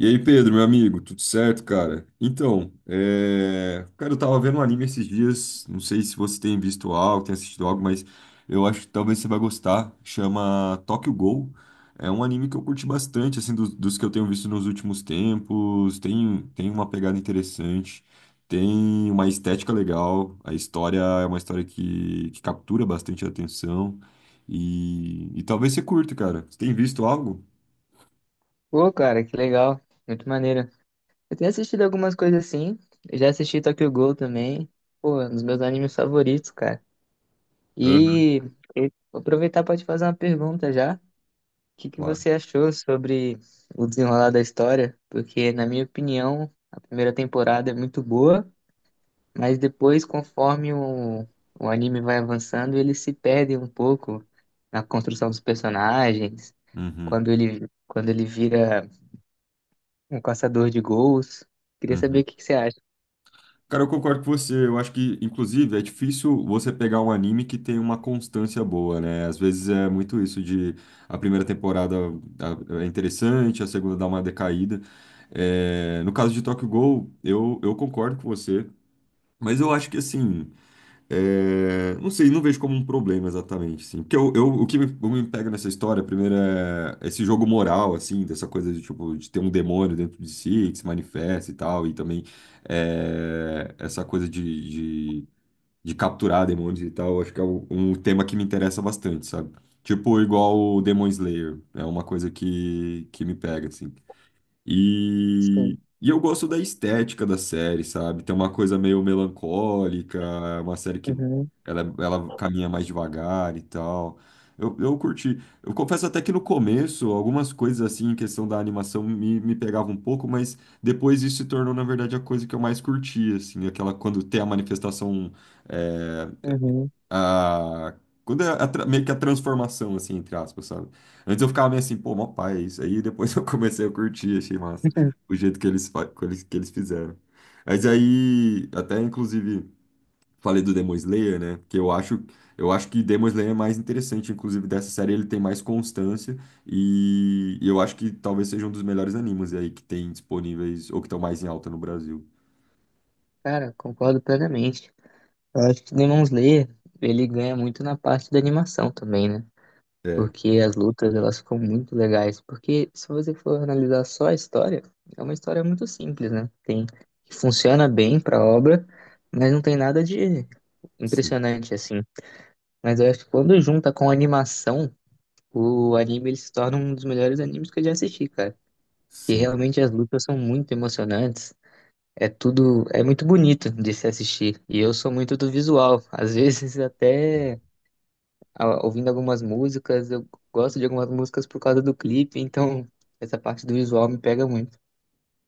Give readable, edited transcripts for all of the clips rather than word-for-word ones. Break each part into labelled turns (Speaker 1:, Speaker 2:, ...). Speaker 1: E aí, Pedro, meu amigo, tudo certo, cara? Cara, eu tava vendo um anime esses dias, não sei se você tem visto algo, tem assistido algo, mas eu acho que talvez você vai gostar, chama Tokyo Ghoul. É um anime que eu curti bastante, assim, dos que eu tenho visto nos últimos tempos, tem uma pegada interessante, tem uma estética legal, a história é uma história que captura bastante a atenção, e talvez você curta, cara. Você tem visto algo?
Speaker 2: Pô, cara, que legal. Muito maneiro. Eu tenho assistido algumas coisas assim. Eu já assisti Tokyo Ghoul também. Pô, um dos meus animes favoritos, cara.
Speaker 1: Aham.
Speaker 2: E eu vou aproveitar para te fazer uma pergunta já. O que que
Speaker 1: Claro.
Speaker 2: você achou sobre o desenrolar da história? Porque, na minha opinião, a primeira temporada é muito boa, mas depois, conforme o anime vai avançando, ele se perde um pouco na construção dos personagens.
Speaker 1: Uhum.
Speaker 2: Quando ele vira um caçador de gols. Queria saber
Speaker 1: Uhum.
Speaker 2: o que que você acha.
Speaker 1: Cara, eu concordo com você. Eu acho que, inclusive, é difícil você pegar um anime que tem uma constância boa, né? Às vezes é muito isso de a primeira temporada é interessante, a segunda dá uma decaída. É, no caso de Tokyo Ghoul, eu concordo com você. Mas eu acho que, assim, é, não sei, não vejo como um problema exatamente, assim. Porque o que me, o me pega nessa história, primeiro, é esse jogo moral, assim, dessa coisa de, tipo, de ter um demônio dentro de si, que se manifesta e tal, e também é, essa coisa de, de capturar demônios e tal, acho que é um tema que me interessa bastante, sabe? Tipo, igual o Demon Slayer, é uma coisa que me pega, assim.
Speaker 2: Sim.
Speaker 1: E eu gosto da estética da série, sabe? Tem uma coisa meio melancólica, é uma série que
Speaker 2: Uhum,
Speaker 1: ela caminha mais devagar e tal. Eu curti. Eu confesso até que no começo, algumas coisas assim, em questão da animação, me pegavam um pouco, mas depois isso se tornou, na verdade, a coisa que eu mais curti, assim, aquela quando tem a manifestação eh,
Speaker 2: uhum.
Speaker 1: a, quando é a meio que a transformação, assim, entre aspas, sabe? Antes eu ficava meio assim, pô, mó pai, é isso aí. Depois eu comecei a curtir, achei massa o jeito que que eles fizeram. Mas aí, até inclusive, falei do Demon Slayer, né? Que eu acho que Demon Slayer é mais interessante, inclusive, dessa série. Ele tem mais constância e eu acho que talvez seja um dos melhores animes aí que tem disponíveis ou que estão mais em alta no Brasil.
Speaker 2: Cara, concordo plenamente. Eu acho que o Demon Slayer, ele ganha muito na parte da animação também, né?
Speaker 1: É,
Speaker 2: Porque as lutas, elas ficam muito legais. Porque se você for analisar só a história, é uma história muito simples, né? Que funciona bem pra obra, mas não tem nada de
Speaker 1: sim,
Speaker 2: impressionante, assim. Mas eu acho que quando junta com a animação, o anime ele se torna um dos melhores animes que eu já assisti, cara. Que
Speaker 1: sim.
Speaker 2: realmente as lutas são muito emocionantes. É tudo, é muito bonito de se assistir. E eu sou muito do visual. Às vezes até ah, ouvindo algumas músicas, eu gosto de algumas músicas por causa do clipe, então essa parte do visual me pega muito.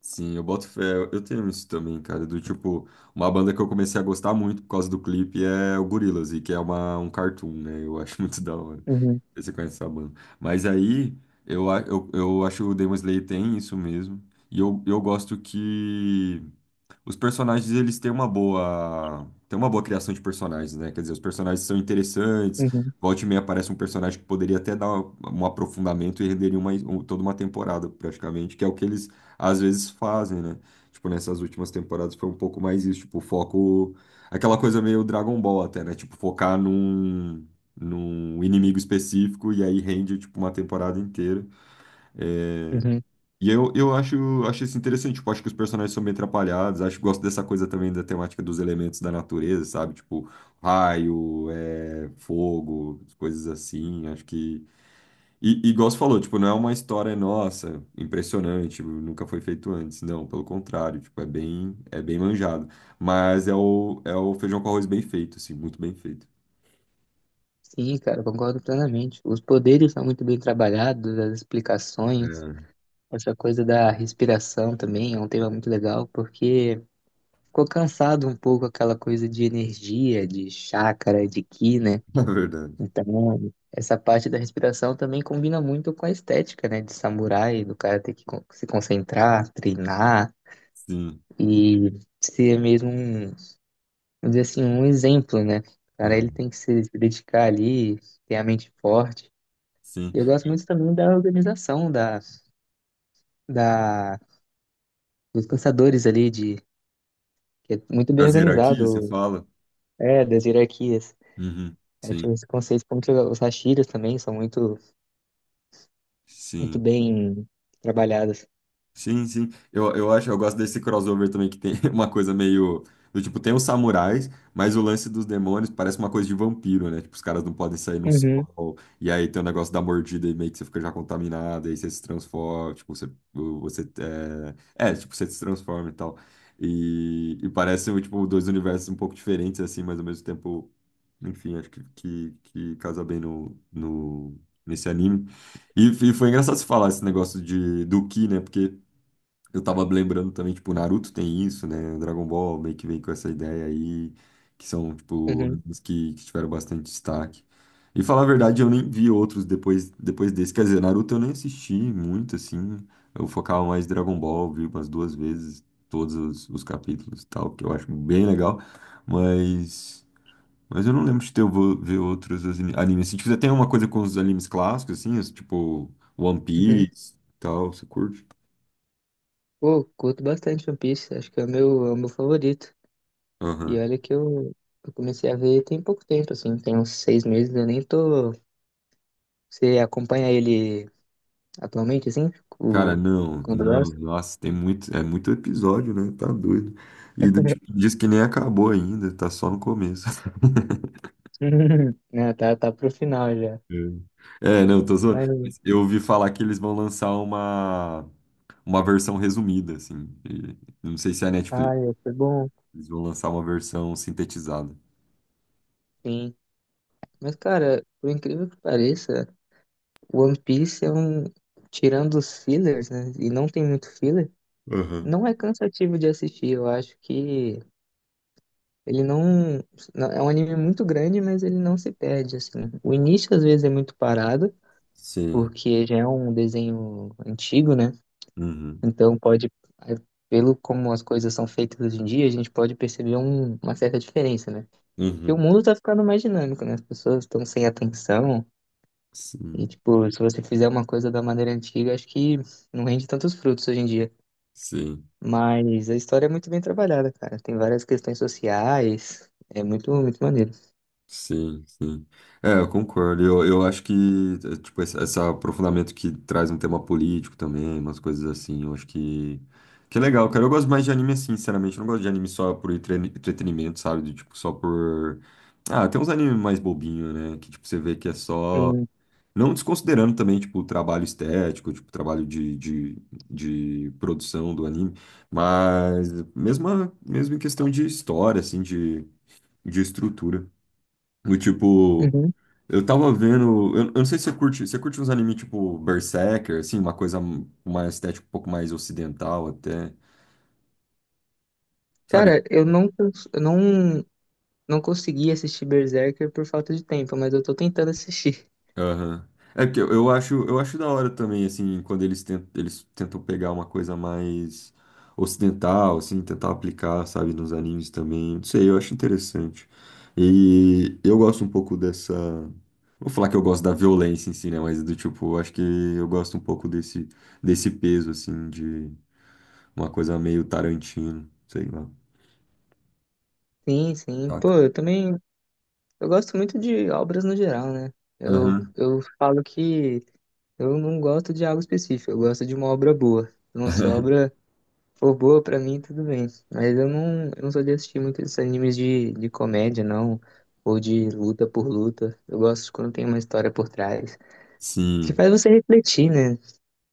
Speaker 1: Sim, eu boto fé. Eu tenho isso também, cara. Do tipo, uma banda que eu comecei a gostar muito por causa do clipe é o Gorillaz, e que é um cartoon, né? Eu acho muito da hora. Não
Speaker 2: Uhum,
Speaker 1: sei se você conhece essa banda. Mas aí, eu acho que o Demon Slayer tem isso mesmo. E eu gosto que os personagens eles têm uma boa criação de personagens, né? Quer dizer, os personagens são interessantes.
Speaker 2: uhum,
Speaker 1: Volte e meia aparece um personagem que poderia até dar um aprofundamento e renderia toda uma temporada, praticamente, que é o que eles às vezes fazem, né? Tipo, nessas últimas temporadas foi um pouco mais isso, tipo, foco. Aquela coisa meio Dragon Ball até, né? Tipo, focar num inimigo específico e aí rende, tipo, uma temporada inteira.
Speaker 2: uhum.
Speaker 1: E eu acho, acho isso interessante, tipo, acho que os personagens são bem atrapalhados, acho que gosto dessa coisa também da temática dos elementos da natureza, sabe? Tipo, raio, é, fogo, coisas assim, acho que... E, e igual você falou, tipo, não é uma história nossa, impressionante, nunca foi feito antes, não, pelo contrário, tipo, é bem manjado, mas é o feijão com arroz bem feito, assim, muito bem feito.
Speaker 2: Sim, cara, concordo plenamente. Os poderes são muito bem trabalhados, as explicações,
Speaker 1: É,
Speaker 2: essa coisa da respiração também é um tema muito legal, porque ficou cansado um pouco aquela coisa de energia, de chácara, de ki, né?
Speaker 1: é verdade.
Speaker 2: Então, essa parte da respiração também combina muito com a estética, né, de samurai, do cara ter que se concentrar, treinar
Speaker 1: Sim,
Speaker 2: e ser mesmo um, vamos dizer assim, um exemplo, né? O
Speaker 1: é,
Speaker 2: cara, ele tem que se dedicar ali, ter a mente forte.
Speaker 1: sim.
Speaker 2: E eu gosto muito também da organização da dos caçadores ali de que é muito bem
Speaker 1: As hierarquias, você
Speaker 2: organizado,
Speaker 1: fala?
Speaker 2: é, das hierarquias.
Speaker 1: Uhum,
Speaker 2: Acho
Speaker 1: sim,
Speaker 2: que esse conceito como que os hashiras também são muito muito
Speaker 1: sim.
Speaker 2: bem trabalhados.
Speaker 1: Sim, sim. Eu acho, eu gosto desse crossover também que tem uma coisa meio do tipo, tem os samurais, mas o lance dos demônios parece uma coisa de vampiro, né? Tipo, os caras não podem sair no
Speaker 2: Uhum.
Speaker 1: sol. E aí tem o negócio da mordida e meio que você fica já contaminado, aí você se transforma, tipo, você é, é, tipo, você se transforma e tal. E parece, tipo, dois universos um pouco diferentes, assim, mas ao mesmo tempo, enfim, acho que casa bem no, no, nesse anime. E foi engraçado você falar esse negócio de, do Ki, né? Porque eu tava me lembrando também, tipo, Naruto tem isso, né? Dragon Ball meio que vem com essa ideia aí, que são, tipo,
Speaker 2: Uhum.
Speaker 1: animes que tiveram bastante destaque. E falar a verdade, eu nem vi outros depois, depois desse. Quer dizer, Naruto eu nem assisti muito, assim. Eu focava mais em Dragon Ball, vi umas duas vezes todos os capítulos e tal, que eu acho bem legal. Mas, mas eu não lembro de ter eu vou ver outros animes. Se tiver tem uma coisa com os animes clássicos, assim, os, tipo, One
Speaker 2: Uhum.
Speaker 1: Piece e tal, você curte?
Speaker 2: Pô, curto bastante One Piece, acho que é o meu favorito. E
Speaker 1: Aham.
Speaker 2: olha que eu comecei a ver tem pouco tempo, assim, tem uns 6 meses, eu nem tô. Você acompanha ele atualmente, assim?
Speaker 1: Cara,
Speaker 2: O...
Speaker 1: não,
Speaker 2: Quando
Speaker 1: não,
Speaker 2: lança?
Speaker 1: nossa, tem muito, é muito episódio, né? Tá doido. E do tipo, diz que nem acabou ainda, tá só no começo.
Speaker 2: Né, tá, tá pro final já.
Speaker 1: É, é, não, tô zoando.
Speaker 2: Mas,
Speaker 1: Mas eu ouvi falar que eles vão lançar uma versão resumida, assim. E não sei se é a Netflix,
Speaker 2: ai, foi bom,
Speaker 1: eles vão lançar uma versão sintetizada.
Speaker 2: sim. Mas, cara, por incrível que pareça, o One Piece é um. Tirando os fillers, né? E não tem muito filler,
Speaker 1: Aham.
Speaker 2: não é cansativo de assistir, eu acho que. Ele não, não- É um anime muito grande, mas ele não se perde assim. O início às vezes é muito parado,
Speaker 1: Sim.
Speaker 2: porque já é um desenho antigo, né?
Speaker 1: Uhum.
Speaker 2: Então pode, é, pelo como as coisas são feitas hoje em dia, a gente pode perceber uma certa diferença, né? Porque o
Speaker 1: Uhum.
Speaker 2: mundo tá ficando mais dinâmico, né? As pessoas estão sem atenção e
Speaker 1: Sim.
Speaker 2: tipo, se você fizer uma coisa da maneira antiga, acho que não rende tantos frutos hoje em dia.
Speaker 1: Sim.
Speaker 2: Mas a história é muito bem trabalhada, cara. Tem várias questões sociais, é muito, muito maneiro.
Speaker 1: Sim, sim. É, eu concordo. Eu acho que, tipo, esse aprofundamento que traz um tema político também, umas coisas assim, eu acho que é legal, cara. Eu gosto mais de anime assim, sinceramente. Eu não gosto de anime só por entretenimento, sabe? De, tipo, só por... Ah, tem uns animes mais bobinhos né? Que, tipo, você vê que é só...
Speaker 2: Sim.
Speaker 1: Não desconsiderando também, tipo, o trabalho estético, tipo, o trabalho de produção do anime, mas mesmo, mesmo em questão de história, assim, de estrutura. O tipo,
Speaker 2: Uhum.
Speaker 1: eu tava vendo. Eu não sei se você curte. Você curte uns animes tipo Berserker, assim, uma coisa uma estética um pouco mais ocidental até. Sabe?
Speaker 2: Cara, eu não, cons- eu não, não consegui assistir Berserker por falta de tempo, mas eu tô tentando assistir.
Speaker 1: Aham. É porque eu acho da hora também, assim, quando eles tentam pegar uma coisa mais ocidental, assim, tentar aplicar, sabe, nos animes também. Não sei, eu acho interessante. E eu gosto um pouco dessa. Vou falar que eu gosto da violência em si, né? Mas do tipo, eu acho que eu gosto um pouco desse peso, assim, de uma coisa meio Tarantino, sei lá,
Speaker 2: Sim, sim. Pô,
Speaker 1: saca?
Speaker 2: eu também. Eu gosto muito de obras no geral, né? Eu,
Speaker 1: Aham.
Speaker 2: eu falo que eu não gosto de algo específico, eu gosto de uma obra boa. Então, se a obra for boa pra mim, tudo bem. Mas eu não sou de assistir muitos esses animes de comédia, não. Ou de luta por luta. Eu gosto quando tem uma história por trás. Que
Speaker 1: Sim,
Speaker 2: faz você refletir, né?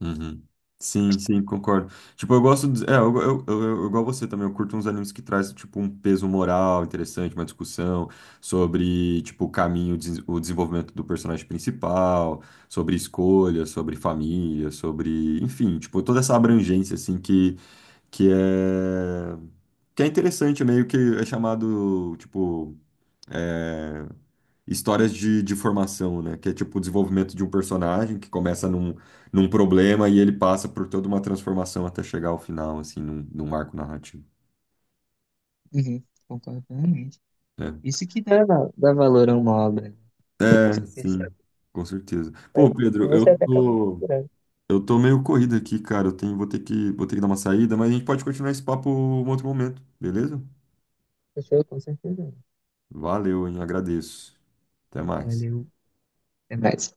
Speaker 1: uhum. Sim, sim, concordo. Tipo, eu gosto de... É, igual você também, eu curto uns animes que traz, tipo, um peso moral interessante, uma discussão sobre, tipo, o caminho, o desenvolvimento do personagem principal, sobre escolha, sobre família, sobre... Enfim, tipo, toda essa abrangência, assim, que é... Que é interessante, meio que é chamado, tipo... é, histórias de formação, né? Que é tipo o desenvolvimento de um personagem que começa num problema e ele passa por toda uma transformação até chegar ao final, assim, num arco narrativo,
Speaker 2: Uhum, concordo plenamente.
Speaker 1: né?
Speaker 2: Isso que dá, dá valor a uma obra, né? Quando
Speaker 1: É,
Speaker 2: você percebe.
Speaker 1: sim, com certeza. Pô, Pedro,
Speaker 2: Você até acaba inspirando.
Speaker 1: eu tô meio corrido aqui, cara. Eu tenho, vou ter que dar uma saída, mas a gente pode continuar esse papo em outro momento, beleza?
Speaker 2: Pessoa, com certeza.
Speaker 1: Valeu, hein? Agradeço. Até mais.
Speaker 2: Valeu. Até mais.